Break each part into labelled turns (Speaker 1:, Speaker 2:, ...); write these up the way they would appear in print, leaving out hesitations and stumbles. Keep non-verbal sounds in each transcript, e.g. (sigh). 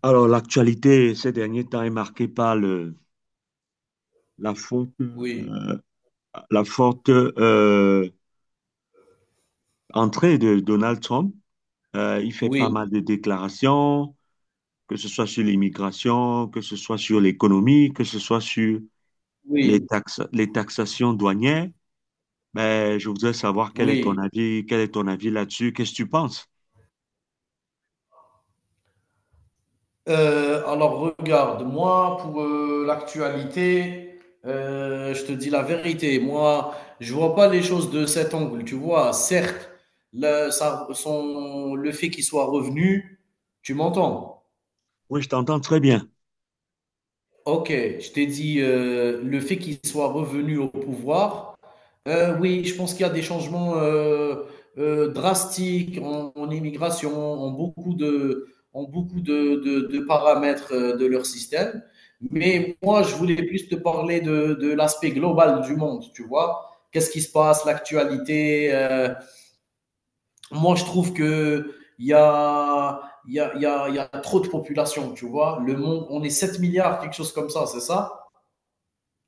Speaker 1: Alors, l'actualité ces derniers temps est marquée par la forte,
Speaker 2: Oui,
Speaker 1: la forte entrée de Donald Trump. Il fait pas
Speaker 2: oui,
Speaker 1: mal de déclarations, que ce soit sur l'immigration, que ce soit sur l'économie, que ce soit sur
Speaker 2: oui,
Speaker 1: les taxations douanières. Mais je voudrais savoir quel est ton
Speaker 2: oui.
Speaker 1: avis, quel est ton avis là-dessus, qu'est-ce que tu penses?
Speaker 2: Alors regarde, moi pour, l'actualité, je te dis la vérité, moi je vois pas les choses de cet angle, tu vois? Certes, le ça son le fait qu'il soit revenu, tu m'entends?
Speaker 1: Oui, je t'entends très bien.
Speaker 2: OK, je t'ai dit, le fait qu'il soit revenu au pouvoir. Oui, je pense qu'il y a des changements drastiques en immigration, en beaucoup en beaucoup de, de paramètres de leur système.
Speaker 1: Mhm.
Speaker 2: Mais moi, je voulais plus te parler de l'aspect global du monde, tu vois. Qu'est-ce qui se passe, l'actualité. Moi, je trouve que il y a, il y a, il y a, il y a trop de population, tu vois. Le monde, on est 7 milliards, quelque chose comme ça, c'est ça?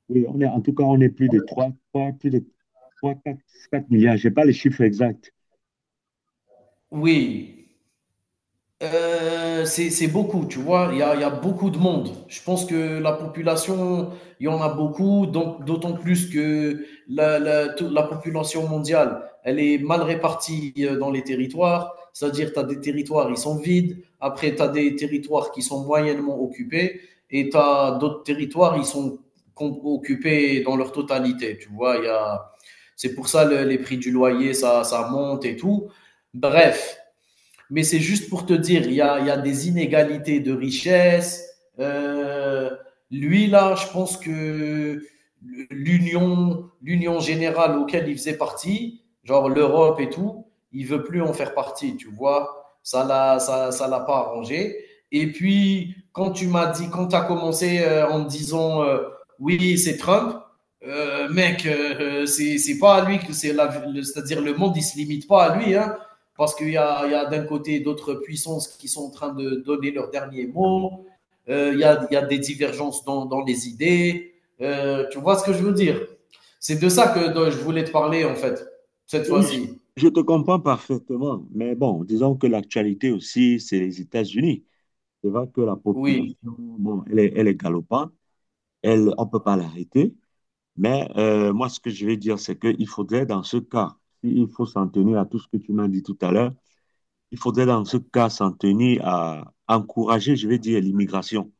Speaker 1: Oui, on est, en tout cas, on est plus de trois 4 4 milliards. Je n'ai pas les chiffres exacts.
Speaker 2: Oui. C'est beaucoup, tu vois. Il y a beaucoup de monde. Je pense que la population, il y en a beaucoup, donc d'autant plus que la population mondiale, elle est mal répartie dans les territoires. C'est-à-dire, tu as des territoires, ils sont vides. Après, tu as des territoires qui sont moyennement occupés. Et tu as d'autres territoires, ils sont occupés dans leur totalité, tu vois. C'est pour ça les prix du loyer, ça monte et tout. Bref. Mais c'est juste pour te dire, il y a des inégalités de richesse. Euh, Lui, là, je pense que l'union générale auquel il faisait partie, genre l'Europe et tout, il veut plus en faire partie, tu vois. Ça l'a pas arrangé. Et puis, quand tu m'as dit, quand tu as commencé en me disant, oui, c'est Trump, mec, c'est pas à lui c'est-à-dire le monde il se limite pas à lui, hein, parce il y a d'un côté d'autres puissances qui sont en train de donner leur dernier mot, il y a des divergences dans les idées. Tu vois ce que je veux dire. C'est de ça que dont je voulais te parler, en fait, cette
Speaker 1: Oui,
Speaker 2: fois-ci.
Speaker 1: je te comprends parfaitement, mais bon, disons que l'actualité aussi, c'est les États-Unis. C'est vrai que la population,
Speaker 2: Oui,
Speaker 1: bon, elle est galopante, elle, on ne peut pas l'arrêter, mais moi, ce que je vais dire, c'est qu'il faudrait, dans ce cas, si il faut s'en tenir à tout ce que tu m'as dit tout à l'heure, il faudrait, dans ce cas, s'en tenir à encourager, je vais dire, l'immigration.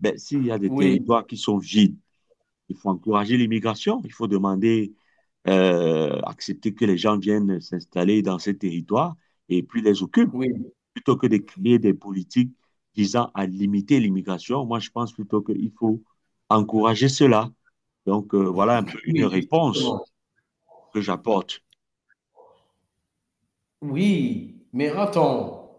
Speaker 1: Ben, s'il y a des
Speaker 2: oui,
Speaker 1: territoires qui sont vides, il faut encourager l'immigration. Il faut demander, accepter que les gens viennent s'installer dans ces territoires et puis les occupent,
Speaker 2: oui,
Speaker 1: plutôt que de créer des politiques visant à limiter l'immigration. Moi, je pense plutôt qu'il faut encourager cela. Donc, voilà un peu une
Speaker 2: oui,
Speaker 1: réponse
Speaker 2: exactement.
Speaker 1: que j'apporte.
Speaker 2: Oui, mais attends,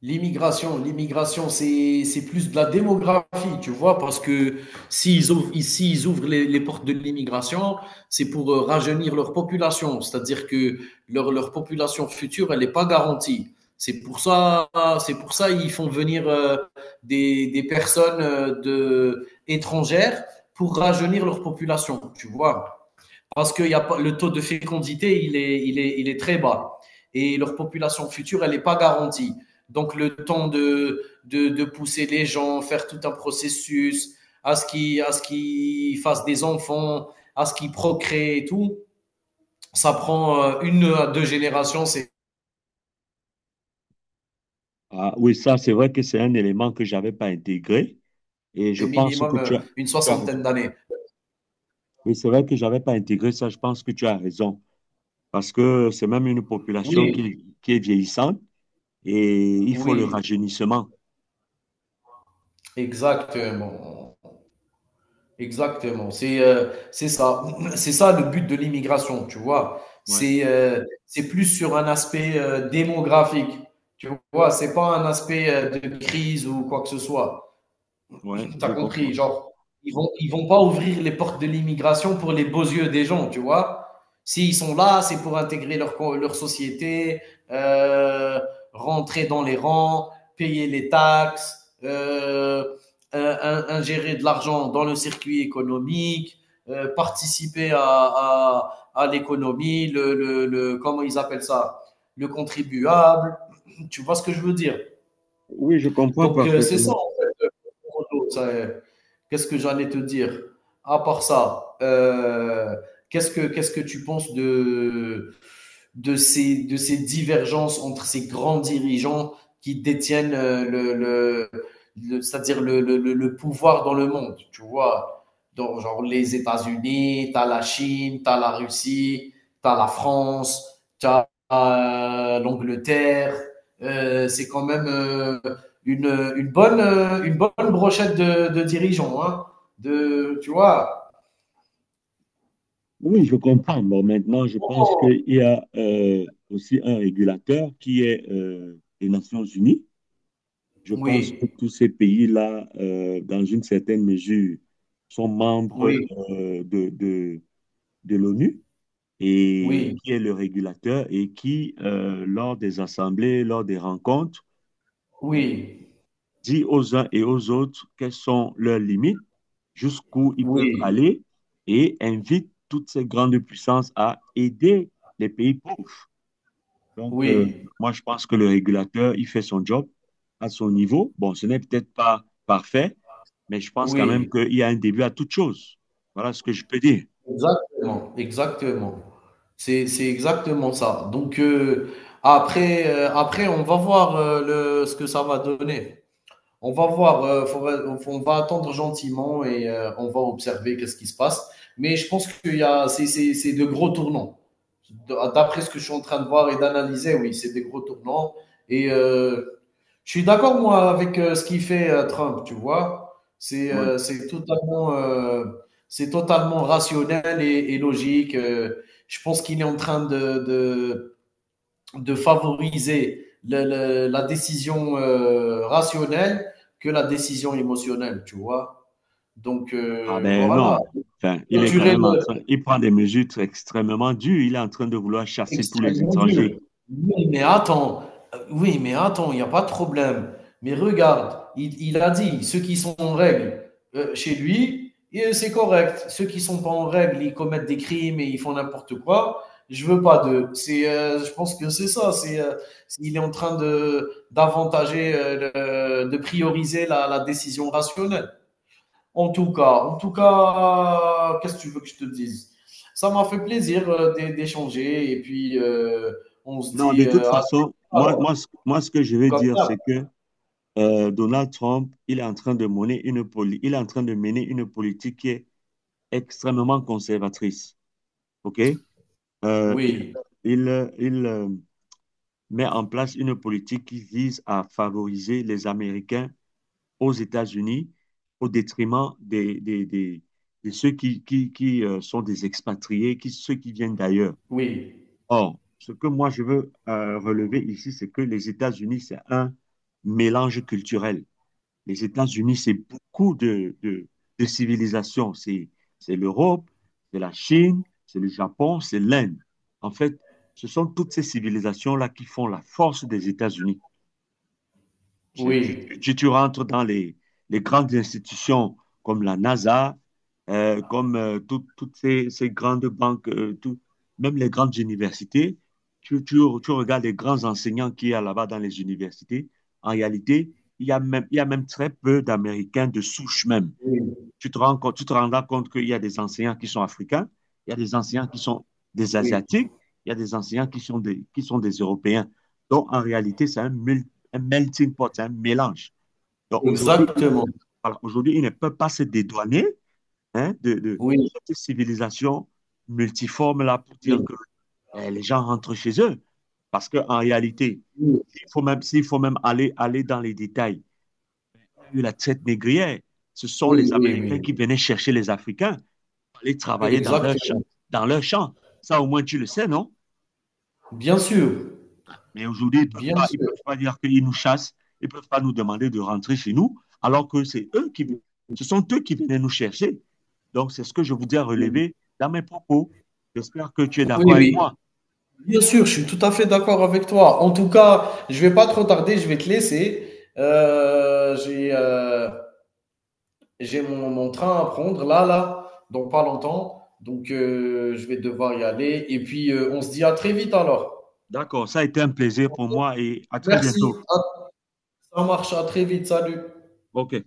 Speaker 2: l'immigration, c'est plus de la démographie, tu vois, parce que s'ils ouvrent, ici, ils ouvrent les portes de l'immigration, c'est pour rajeunir leur population, c'est-à-dire que leur population future, elle n'est pas garantie. C'est pour ça, c'est pour ça ils font venir des personnes étrangères pour rajeunir leur population, tu vois, parce que y a pas, le taux de fécondité, il est très bas. Et leur population future, elle n'est pas garantie. Donc, le temps pousser les gens, faire tout un processus, à ce qu'ils qu fassent des enfants, à ce qu'ils procréent et tout, ça prend 1 à 2 générations, c'est
Speaker 1: Ah, oui, ça, c'est vrai que c'est un élément que je n'avais pas intégré et je pense que
Speaker 2: minimum
Speaker 1: tu as,
Speaker 2: une
Speaker 1: tu as raison.
Speaker 2: soixantaine d'années.
Speaker 1: Oui, c'est vrai que je n'avais pas intégré ça. Je pense que tu as raison parce que c'est même une population
Speaker 2: Oui,
Speaker 1: qui est vieillissante et il faut le
Speaker 2: oui,
Speaker 1: rajeunissement.
Speaker 2: exactement. Exactement, c'est ça. (clears throat) C'est ça le but de l'immigration, tu vois?
Speaker 1: Ouais,
Speaker 2: C'est plus sur un aspect, démographique, tu vois? C'est pas un aspect, de crise ou quoi que ce soit.
Speaker 1: ouais,
Speaker 2: T'as
Speaker 1: je
Speaker 2: compris,
Speaker 1: comprends.
Speaker 2: genre, ils vont pas ouvrir les portes de l'immigration pour les beaux yeux des gens, tu vois. S'ils sont là, c'est pour intégrer leur, leur société, euh, rentrer dans les rangs, payer les taxes, ingérer de l'argent dans le circuit économique, participer à l'économie, le, comment ils appellent ça, le contribuable. Tu vois ce que je veux dire?
Speaker 1: Oui, je comprends
Speaker 2: Donc, c'est ça,
Speaker 1: parfaitement.
Speaker 2: en fait. Qu'est-ce que j'allais te dire? À part ça, qu'est-ce que tu penses de ces divergences entre ces grands dirigeants qui détiennent le, c'est-à-dire le pouvoir dans le monde, tu vois. Dans, genre les États-Unis, t'as la Chine, t'as la Russie, t'as la France, t'as l'Angleterre. C'est quand même une, une bonne brochette de dirigeants, hein, de, tu vois.
Speaker 1: Oui, je comprends. Bon, maintenant, je pense qu'il y a aussi un régulateur qui est les Nations Unies. Je pense que
Speaker 2: Oui,
Speaker 1: tous ces pays-là, dans une certaine mesure, sont membres
Speaker 2: oui,
Speaker 1: de l'ONU et
Speaker 2: oui,
Speaker 1: qui est le régulateur et qui, lors des assemblées, lors des rencontres, euh,
Speaker 2: oui,
Speaker 1: dit aux uns et aux autres quelles sont leurs limites, jusqu'où ils peuvent
Speaker 2: oui.
Speaker 1: aller et invite toutes ces grandes puissances à aider les pays pauvres. Donc,
Speaker 2: Oui,
Speaker 1: moi, je pense que le régulateur, il fait son job à son niveau. Bon, ce n'est peut-être pas parfait, mais je pense quand même
Speaker 2: oui,
Speaker 1: qu'il y a un début à toute chose. Voilà ce que je peux dire.
Speaker 2: exactement, exactement. C'est exactement ça. Donc, après, on va voir ce que ça va donner. On va voir, on va attendre gentiment et on va observer qu'est-ce qui se passe. Mais je pense qu'il y a, c'est de gros tournants. D'après ce que je suis en train de voir et d'analyser, oui, c'est des gros tournants. Et je suis d'accord, moi, avec ce qu'il fait Trump, tu vois. C'est
Speaker 1: Ouais.
Speaker 2: c'est totalement rationnel et logique. Je pense qu'il est en train de favoriser la décision rationnelle que la décision émotionnelle, tu vois. Donc,
Speaker 1: Ah ben
Speaker 2: voilà.
Speaker 1: non. Enfin, il est quand
Speaker 2: Clôturer.
Speaker 1: même en train, il prend des mesures extrêmement dures. Il est en train de vouloir chasser tous les
Speaker 2: Extrêmement dur.
Speaker 1: étrangers.
Speaker 2: Oui, mais attends, oui, mais attends, il y a pas de problème. Mais regarde, il a dit: «Ceux qui sont en règle, chez lui, et c'est correct. Ceux qui ne sont pas en règle, ils commettent des crimes et ils font n'importe quoi. Je veux pas d'eux». C'est, je pense que c'est ça, c'est, il est en train de d'avantager, le de prioriser la décision rationnelle. En tout cas, qu'est-ce que tu veux que je te dise? Ça m'a fait plaisir d'échanger et puis on se
Speaker 1: Non, de
Speaker 2: dit
Speaker 1: toute
Speaker 2: à très
Speaker 1: façon,
Speaker 2: vite alors,
Speaker 1: moi ce que je veux
Speaker 2: comme
Speaker 1: dire,
Speaker 2: ça.
Speaker 1: c'est que Donald Trump, il est en train de mener une politique qui est extrêmement conservatrice. OK? Euh,
Speaker 2: Oui,
Speaker 1: il, il met en place une politique qui vise à favoriser les Américains aux États-Unis au détriment de ceux qui sont des expatriés, ceux qui viennent d'ailleurs.
Speaker 2: oui,
Speaker 1: Or, ce que moi je veux relever ici, c'est que les États-Unis, c'est un mélange culturel. Les États-Unis, c'est beaucoup de civilisations. C'est l'Europe, c'est la Chine, c'est le Japon, c'est l'Inde. En fait, ce sont toutes ces civilisations-là qui font la force des États-Unis. Tu, tu-
Speaker 2: oui,
Speaker 1: tu- tu rentres dans les grandes institutions comme la NASA, comme toutes ces grandes banques, même les grandes universités. Tu, tu- tu regardes les grands enseignants qu'il y a là-bas dans les universités. En réalité, il y a même très peu d'Américains de souche même
Speaker 2: oui,
Speaker 1: tu te rendras compte qu'il y a des enseignants qui sont africains, il y a des enseignants qui sont des
Speaker 2: oui,
Speaker 1: Asiatiques, il y a des enseignants qui sont des Européens. Donc, en réalité, c'est un melting pot, c'est un mélange. Donc, aujourd'hui,
Speaker 2: exactement.
Speaker 1: voilà, aujourd'hui, ils ne peuvent pas se dédouaner hein,
Speaker 2: Oui,
Speaker 1: cette civilisation multiforme-là pour
Speaker 2: oui,
Speaker 1: dire que les gens rentrent chez eux. Parce qu'en réalité,
Speaker 2: oui,
Speaker 1: s'il faut même aller dans les détails, il y a eu la traite négrière. Ce sont les
Speaker 2: oui, oui,
Speaker 1: Américains qui
Speaker 2: oui,
Speaker 1: venaient chercher les Africains aller
Speaker 2: oui.
Speaker 1: travailler dans
Speaker 2: Exactement.
Speaker 1: dans leur champ. Ça, au moins, tu le sais, non?
Speaker 2: Bien sûr,
Speaker 1: Mais aujourd'hui,
Speaker 2: bien
Speaker 1: ils
Speaker 2: sûr.
Speaker 1: peuvent pas dire qu'ils nous chassent. Ils ne peuvent pas nous demander de rentrer chez nous, alors que
Speaker 2: Oui,
Speaker 1: ce sont eux qui venaient nous chercher. Donc, c'est ce que je voudrais relever dans mes propos. J'espère que tu es d'accord
Speaker 2: oui,
Speaker 1: avec
Speaker 2: oui.
Speaker 1: moi.
Speaker 2: Bien sûr, je suis tout à fait d'accord avec toi. En tout cas, je vais pas trop tarder, je vais te laisser. Euh, j'ai euh, J'ai mon, mon train à prendre là, dans pas longtemps. Donc, je vais devoir y aller. Et puis, on se dit à très vite alors.
Speaker 1: D'accord, ça a été un plaisir pour moi et à très
Speaker 2: Merci.
Speaker 1: bientôt.
Speaker 2: Ça marche. À très vite. Salut.
Speaker 1: OK.